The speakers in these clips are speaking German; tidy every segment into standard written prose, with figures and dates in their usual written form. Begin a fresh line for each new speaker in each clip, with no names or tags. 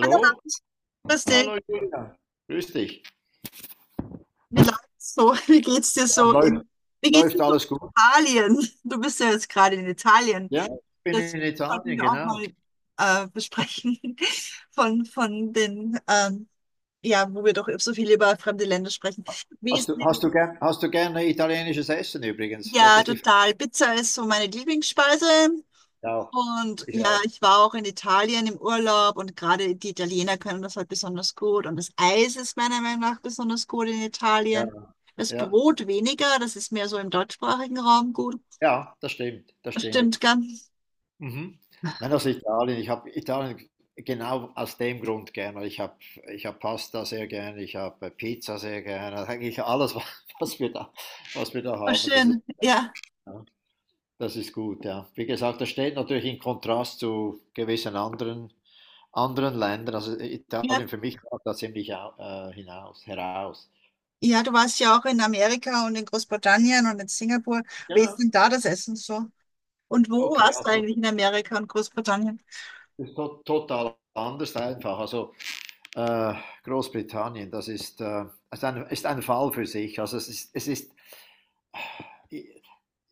Hallo, Hans. Grüß dich.
Hallo Julia, grüß dich.
Wie läuft's so? Wie geht's dir
Ja,
so
läuft.
in, wie geht's dir
Läuft
so in
alles gut?
Italien? Du bist ja jetzt gerade in Italien.
Ja, ich bin
Das
in
sollten
Italien,
wir auch
genau.
mal besprechen von, von den, ähm, ja, wo wir doch so viel über fremde Länder sprechen. Wie
Hast
ist
du, hast
denn,
du gern, hast du gerne italienisches Essen übrigens? Wollte
ja,
ich dich fragen.
total. Pizza ist so meine Lieblingsspeise.
Ja,
Und
ich
ja,
auch.
ich war auch in Italien im Urlaub und gerade die Italiener können das halt besonders gut. Und das Eis ist meiner Meinung nach besonders gut in
Ja,
Italien. Das
ja,
Brot weniger, das ist mehr so im deutschsprachigen Raum gut.
ja, das stimmt, das stimmt.
Stimmt ganz.
Mhm. Nein, also Italien. Ich habe Italien genau aus dem Grund gerne. Ich hab Pasta sehr gerne. Ich habe Pizza sehr gerne. Eigentlich alles, was wir da, was wir da
Oh,
haben, das ist.
schön. Ja,
Ja. Das ist gut, ja. Wie gesagt, das steht natürlich in Kontrast zu gewissen anderen, anderen Ländern. Also
ja.
Italien für mich ragt da ziemlich hinaus, heraus.
Ja, du warst ja auch in Amerika und in Großbritannien und in Singapur. Wie ist
Ja.
denn da das Essen so? Und wo
Okay,
warst du
also
eigentlich in Amerika und Großbritannien?
ist to total anders einfach. Also äh, Großbritannien, das ist ein Fall für sich. Also es ist äh,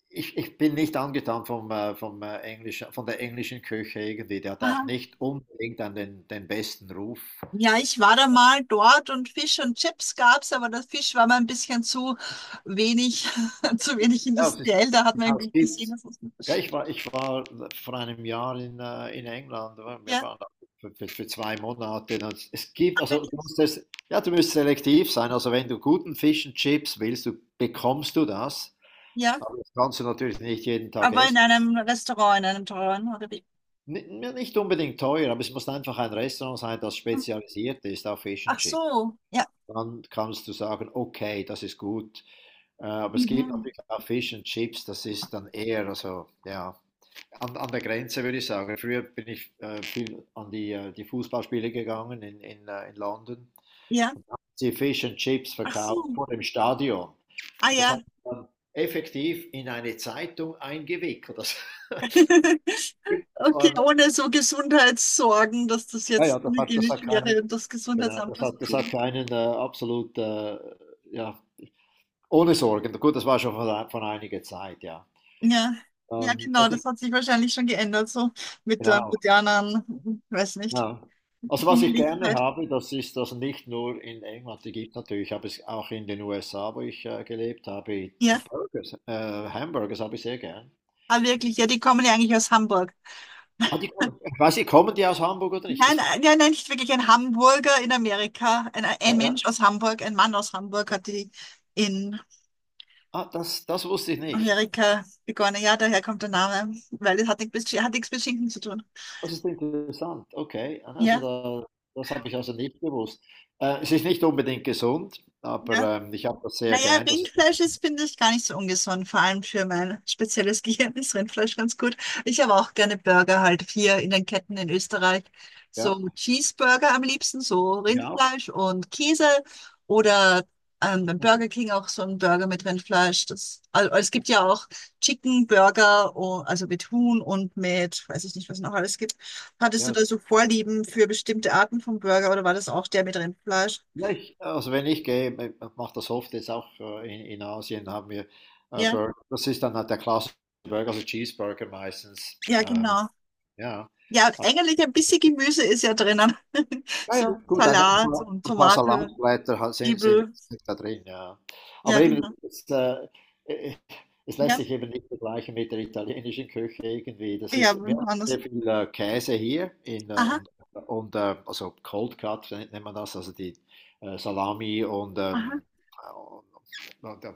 ich bin nicht angetan vom, von der englischen Küche irgendwie. Der hat auch nicht unbedingt an den besten Ruf.
Ja, ich war da mal dort und Fisch und Chips gab's, aber der Fisch war mir ein bisschen zu wenig, zu wenig
Ja, es ist,
industriell. Da hat man
es
irgendwie
gibt
gesehen, dass es nicht
Ja,
so-
ich war vor einem Jahr in England. Oder? Wir
Ja,
waren da für 2 Monate. Und es
ah,
gibt, also du
wirklich.
musst es, ja, du musst selektiv sein. Also wenn du guten Fish and Chips willst, bekommst du das.
Ja,
Aber das kannst du natürlich nicht jeden Tag
aber in
essen.
einem Restaurant, in einem teuren, oder wie?
N Nicht unbedingt teuer, aber es muss einfach ein Restaurant sein, das
Hm.
spezialisiert ist auf Fish and
Ach
Chips.
so, ja.
Dann kannst du sagen, okay, das ist gut. Aber es gibt
Mhm.
natürlich auch Fish and Chips, das ist dann eher, also ja. An der Grenze würde ich sagen. Früher bin ich viel an die Fußballspiele gegangen in London,
Ja,
und da haben sie Fish and Chips
ach
verkauft
so.
vor dem Stadion.
Ah
Und das hat
ja.
man dann effektiv in eine Zeitung eingewickelt. Das, das
Okay,
war,
ohne so Gesundheitssorgen, dass das
ja, ja,
jetzt
das hat, das
hygienisch
hat
wäre
keinen,
und das
genau,
Gesundheitsamt
das
was
hat, das hat
dagegen.
keinen absolut, ja, ohne Sorgen. Gut, das war schon von einiger Zeit, ja.
Ja, ja,
Ähm,
genau,
was
das
ich,
hat sich wahrscheinlich schon geändert, so mit der
genau.
modernen, weiß nicht,
Ja. Also was ich gerne
Jünglichkeit.
habe, das ist das nicht nur in England, die gibt natürlich, habe es auch in den USA, wo ich gelebt habe,
Ja,
Burgers, äh, Hamburgers habe ich sehr gern.
ah, wirklich, ja, die kommen ja eigentlich aus Hamburg.
Ah, ich weiß nicht, kommen die aus Hamburg oder nicht?
Nein,
Das,
äh, ja, nein, nicht wirklich ein Hamburger in Amerika. Ein,
ja,
ein
ja.
Mensch aus Hamburg, ein Mann aus Hamburg hat die in
Ah, das wusste ich nicht.
Amerika begonnen. Ja, daher kommt der Name, weil es hat nichts mit Schinken zu tun.
Das ist interessant. Okay, also
Ja,
das habe ich also nicht gewusst. Es ist nicht unbedingt gesund, aber
ja.
ich habe das sehr
Naja,
gern.
Rindfleisch ist, finde ich, gar nicht so ungesund. Vor allem für mein spezielles Gehirn ist Rindfleisch ganz gut. Ich habe auch gerne Burger halt hier in den Ketten in Österreich.
Ja,
So Cheeseburger am liebsten, so
ich auch.
Rindfleisch und Käse oder beim
Mhm.
Burger King auch so ein Burger mit Rindfleisch. Das, also, es gibt ja auch Chicken Burger, o- also mit Huhn und mit, weiß ich nicht, was noch alles gibt. Hattest du
Ja,
da so Vorlieben für bestimmte Arten von Burger oder war das auch der mit Rindfleisch?
Ja, ich, also wenn ich gehe, ich mache das oft jetzt auch in Asien, haben wir
Ja,
Burger. Das ist dann halt der klassische Burger, also Cheeseburger meistens.
ja,
Ähm,
genau.
ja,
Ja, und eigentlich ein bisschen Gemüse ist ja drinnen.
ja,
So
ja, gut, ein ein
Salat
paar
und
ein paar
Tomate,
Salatblätter ha sind sind
Zwiebel.
sind da drin, ja.
Ja,
Aber eben,
genau.
äh, es lässt
Ja,
sich eben nicht vergleichen mit der italienischen Küche irgendwie. Das
ja,
ist Wir haben sehr
anders.
viel, Käse hier in,
Aha,
und also Cold Cut nennt man das, also die Salami und,
aha.
ähm, äh, und und noch da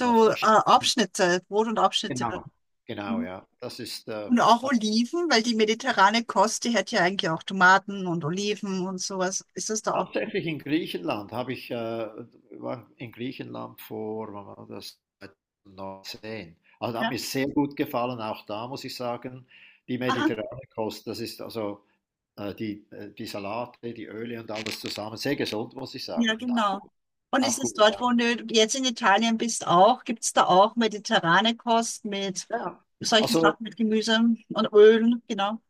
noch da
Abschnitte, Brot und Abschnitte.
genau, genau,
Mhm.
ja.
Und auch Oliven, weil die mediterrane Kost, die hat ja eigentlich auch Tomaten und Oliven und sowas. Ist das da auch?
Hauptsächlich in Griechenland war in Griechenland vor, wann war das, 2019. Also das hat
Ja,
mir sehr gut gefallen, auch da muss ich sagen, die
aha,
mediterrane Kost, das ist also die, die Salate, die Öle und alles zusammen, sehr gesund, muss ich
ja,
sagen. Und auch,
genau.
gut-
Und ist
auch
es
gut,
dort, wo
ja.
du jetzt in Italien bist, auch? Gibt es da auch mediterrane Kost mit
Ja,
solchen
also
Sachen, mit Gemüse und Ölen? Genau.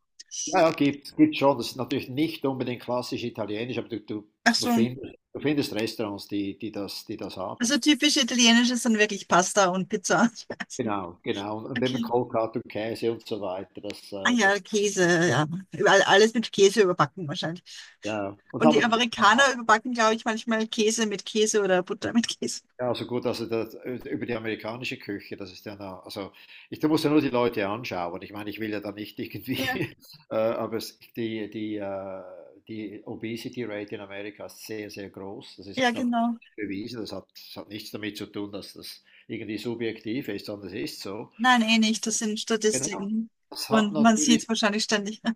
ja, ja, gibt schon, das ist natürlich nicht unbedingt klassisch italienisch, aber
Ach so.
du findest Restaurants, die das haben.
Also typisch italienische sind wirklich Pasta und Pizza.
Genau, genau. Und immer
Okay.
Kohlkarte und Käse und so weiter. Das,
Ah
äh,
ja,
das,
Käse, ja. Überall, alles mit Käse überbacken wahrscheinlich.
ja. Und
Und die
aber gut,
Amerikaner überbacken, glaube ich, manchmal Käse mit Käse oder Butter mit Käse.
ja, also gut, über die amerikanische Küche, das ist ja, da muss ja nur die Leute anschauen. Ich meine, ich will ja da nicht irgendwie,
Ja,
aber die Obesity Rate in Amerika ist sehr, sehr groß. Das ist
ja,
statistisch
genau.
bewiesen. Das hat nichts damit zu tun, dass das irgendwie subjektiv ist, sondern es ist so.
Nein, eh nicht. Das sind
Genau.
Statistiken.
Das hat
Und man sieht
natürlich
es wahrscheinlich ständig.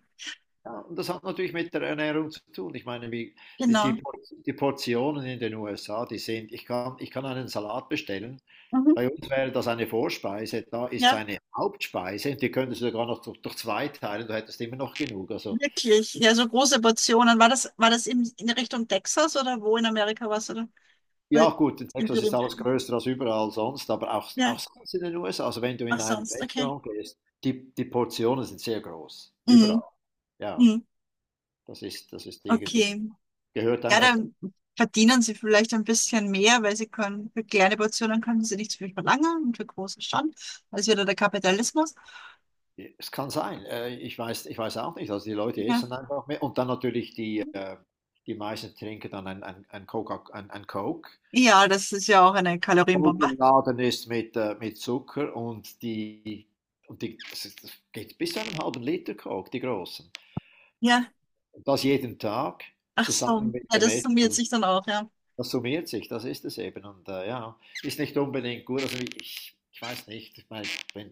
Ja, und das hat natürlich mit der Ernährung zu tun. Ich meine, wie, die, die,
Genau.
Por- die Portionen in den USA, die sind, ich kann einen Salat bestellen.
Mhm.
Bei uns wäre das eine Vorspeise, da ist es
Ja,
eine Hauptspeise, die könntest du sogar noch durch zwei teilen, du hättest immer noch genug. Also,
wirklich. Ja, so große Portionen. War das in Richtung Texas oder wo in Amerika war's, oder?
ja,
Weil,
gut, in
in
Texas ist
Berühmt.
alles größer als überall sonst, aber auch,
Ja,
auch sonst in den USA. Also, wenn du
auch
in ein
sonst. Okay.
Restaurant gehst, die Portionen sind sehr groß,
Mhm.
überall. Ja,
Mhm.
das ist irgendwie,
Okay.
gehört
Ja,
einfach
dann verdienen sie vielleicht ein bisschen mehr, weil sie können, für kleine Portionen können sie nicht so viel verlangen und für große schon. Das ist wieder der Kapitalismus.
Es kann sein. Ich weiß auch nicht. Also, die Leute
Ja.
essen einfach mehr und dann natürlich die die meisten trinken dann ein Coca ein Coke,
Ja, das ist ja auch eine Kalorienbombe.
vollgeladen ist mit Zucker, und die das ist das geht bis zu einem halben Liter Coke, die großen.
Ja.
Und das jeden Tag
Ach so.
zusammen mit
Ja,
dem
das summiert
Essen.
sich dann auch, ja.
Das summiert sich, das ist es eben, und, ja, ist nicht unbedingt gut. Also, ich weiß nicht, ich meine, wenn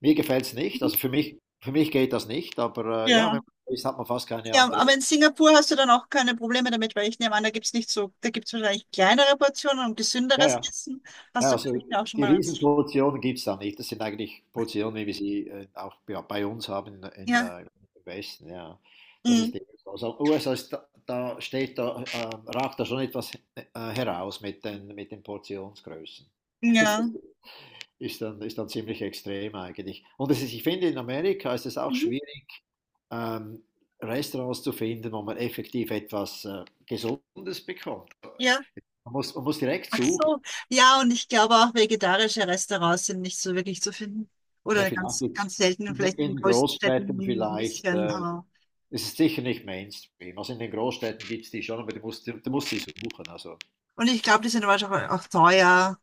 mir gefällt es nicht. Also für mich geht das nicht, aber ja, wenn
Ja.
man so ist, hat man fast keine
Ja,
andere.
aber in Singapur hast du dann auch keine Probleme damit, weil ich nehme an, da gibt's nicht so, da gibt's wahrscheinlich kleinere Portionen und
Ja,
gesünderes
ja.
Essen.
Ja,
Hast du
also
vielleicht auch schon
die
mal was?
Riesenpositionen gibt es da nicht. Das sind eigentlich Positionen, wie wir sie auch ja, bei uns haben in, in,
Ja.
äh, im Westen. Ja. Das ist
Mhm.
eben so. Also USA ist da, ragt da schon etwas heraus mit den Portionsgrößen.
Ja.
Das ist dann ziemlich extrem eigentlich. Und ich finde, in Amerika ist es auch
Mhm.
schwierig, ähm, Restaurants zu finden, wo man effektiv etwas Gesundes bekommt.
Ja.
Man muss direkt
Ach
suchen.
so, ja, und ich glaube auch vegetarische Restaurants sind nicht so wirklich zu finden.
Ja,
Oder
vielleicht
ganz,
jetzt
ganz selten und
in, den-
vielleicht in den
in den
größten Städten
Großstädten
ein
vielleicht.
bisschen, aber.
Es ist sicher nicht Mainstream. Also in den Großstädten gibt es die schon, aber du musst, du
Und
musst sie suchen. Also,
ich glaube, die sind aber auch, auch teuer,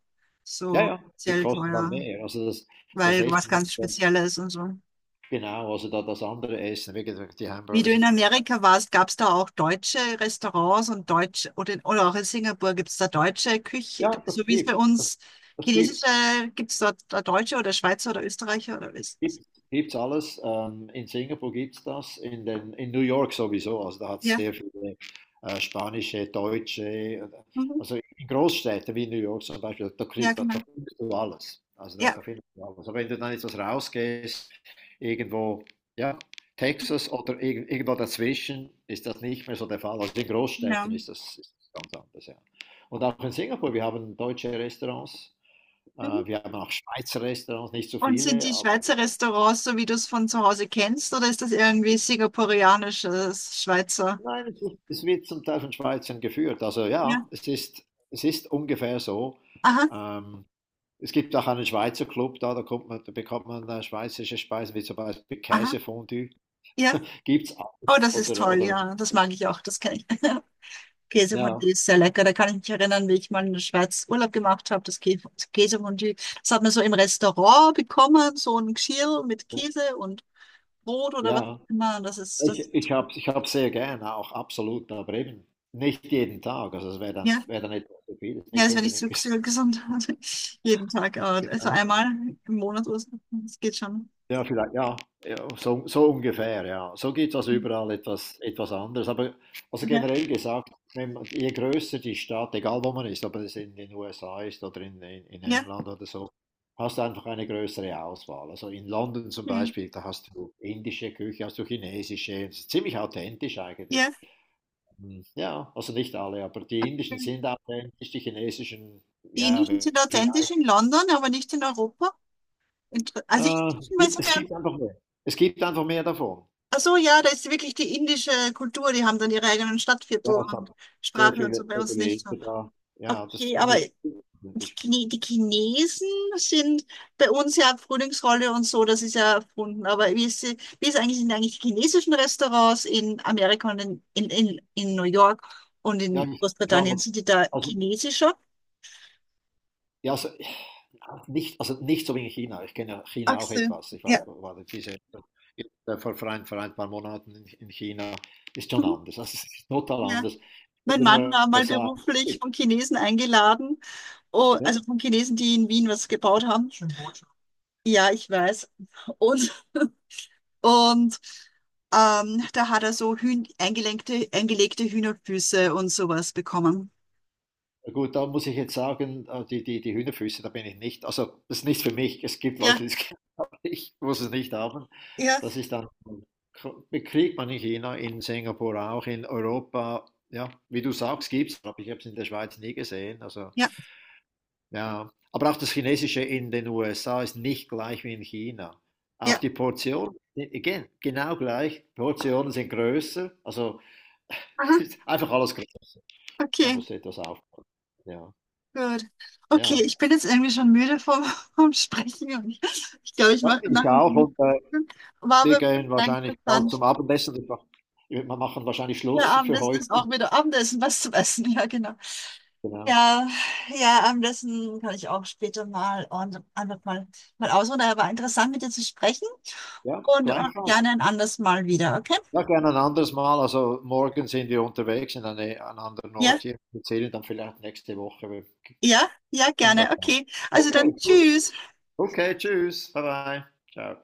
ja,
so
ja, die
sehr
kosten dann
teuer,
mehr. Also das
weil was
Essen
ganz
ist dann
Spezielles und so.
genau, das andere Essen, wie gesagt, die
Wie du
Hamburgers.
in
Und so.
Amerika warst, gab es da auch deutsche Restaurants und deutsche, oder, in, oder auch in Singapur gibt es da deutsche Küche,
Ja, das
so wie es bei
gibt das,
uns
das gibt
chinesische, gibt es dort da deutsche oder Schweizer oder Österreicher oder was?
Gibt gibt's alles. In Singapur gibt's das, in New York sowieso. Also da hat es
Ja,
sehr viele spanische, deutsche,
mhm.
also in Großstädten wie New York zum Beispiel, da,
Ja,
krieg, da, da
genau.
findest du alles. Also da,
Ja.
da findest du alles. Aber wenn du dann etwas rausgehst, irgendwo, ja, Texas oder irgendwo dazwischen, ist das nicht mehr so der Fall. Also in
Ja.
Großstädten ist das ganz anders, ja. Und auch in Singapur, wir haben deutsche Restaurants.
Mhm.
Wir haben auch Schweizer Restaurants, nicht so
Und sind
viele,
die
aber
Schweizer Restaurants so, wie du es von zu Hause kennst, oder ist das irgendwie singapurianisches Schweizer?
Nein, es wird zum Teil von Schweizern geführt. Also
Ja.
ja, es ist ungefähr so.
Aha,
Ähm, Es gibt auch einen Schweizer Club da, da bekommt man schweizerische Speisen, wie zum Beispiel
aha,
Käsefondue.
ja.
Gibt's
Oh,
alles.
das ist
Oder,
toll,
oder
ja. Das mag ich auch, das kenne ich.
ja,
Käsefondue ist sehr lecker. Da kann ich mich erinnern, wie ich mal in der Schweiz Urlaub gemacht habe, das Kä- Käsefondue. Das hat man so im Restaurant bekommen, so ein Geschirr mit Käse und Brot oder was
ja.
immer. Das ist
Ich,
das.
ich habe ich hab sehr gerne, auch absolut, aber eben nicht jeden Tag. Also es wär dann etwas zu viel, ist
Ja,
nicht
das wäre nicht
unbedingt
so
gesund.
so gesund. Also jeden Tag, aber also einmal im Monat oder so. Das geht schon.
Ja, vielleicht, ja, ja, so ungefähr, ja. So gibt es also
Ja,
überall etwas anderes. Aber also generell gesagt, wenn man, je größer die Stadt, egal wo man ist, ob es in den USA ist oder in
ja,
England oder so, hast du einfach eine größere Auswahl. Also in London zum
ja.
Beispiel, da hast du indische Küche, hast du chinesische, das ist ziemlich authentisch eigentlich.
Ja.
Hm, ja, also nicht alle, aber die
Okay.
indischen sind authentisch, die chinesischen,
Die
ja,
Indischen sind authentisch
vielleicht.
in London, aber nicht in Europa. Inter- Also ich
Äh,
weiß
gibt- es
mehr.
gibt einfach mehr. Es gibt einfach mehr davon.
Ach so, ja, da ist wirklich die indische Kultur. Die haben dann ihre eigenen Stadtviertel
Ja, es hat
und Sprache und so bei
sehr
uns
viele
nicht so.
Ängste da. Ja, das ist
Okay, aber
ziemlich problematisch.
Chine- Die Chinesen sind bei uns ja Frühlingsrolle und so, das ist ja erfunden. Aber wie ist, sie- wie ist eigentlich, sind eigentlich die chinesischen Restaurants in Amerika und in New York und
Ja,
in
ich war
Großbritannien?
mal,
Sind die da
also,
chinesischer?
ja, also, ja, nicht, also nicht so wie in China. Ich kenne China auch
Achse,
etwas. Ich war,
ja.
war diese, äh, vor ein paar Monaten in China. Ist schon
Mhm.
anders. Also, es ist total
Ja.
anders. In
Mein
den
Mann war mal
USA.
beruflich von Chinesen eingeladen, oh,
Ja,
also von Chinesen, die in Wien was gebaut haben. Ja, ich weiß. Und Und da hat er so Hühn eingelenkte, eingelegte Hühnerfüße und sowas bekommen.
gut, da muss ich jetzt sagen, die die Hühnerfüße, da bin ich nicht, also, das ist nicht für mich. Es gibt Leute,
Ja,
die es haben, ich muss es nicht haben.
ja.
Das ist dann ko Kriegt man in China, in Singapur auch, in Europa. Ja, wie du sagst, gibt's, aber ich habe es in der Schweiz nie gesehen, also
Ja,
ja. Aber auch das Chinesische in den USA ist nicht gleich wie in China. Auch
ja.
die Portionen, again, genau gleich. Portionen sind größer, also
Aha,
ist einfach alles größer. Da
okay,
musst du etwas aufpassen. Ja,
gut. Okay,
ja.
ich bin jetzt irgendwie schon müde vom, vom Sprechen und ich glaube, ich
Ja,
mache
ich
nachher
auch,
einen.
und,
War
wir
aber
gehen
sehr
wahrscheinlich bald zum
interessant.
Abendessen. Wir machen wahrscheinlich
Der
Schluss für
Abendessen
heute.
ist auch wieder Abendessen, was zu essen. Ja, genau.
Genau.
Ja, ja, das hm, kann ich auch später mal und einfach mal, mal ausruhen. Aber war interessant, mit dir zu sprechen
Ja,
und,
gleichfalls.
gerne ein anderes Mal wieder, okay?
Ja, gerne ein anderes Mal. Also morgen sind wir unterwegs in einen anderen Ort
Ja,
hier. Wir sehen dann vielleicht nächste Woche. Wir
ja, ja,
kommen
gerne.
drauf an.
Okay. Also dann
Okay, gut.
tschüss.
Okay, tschüss. Bye bye. Ciao.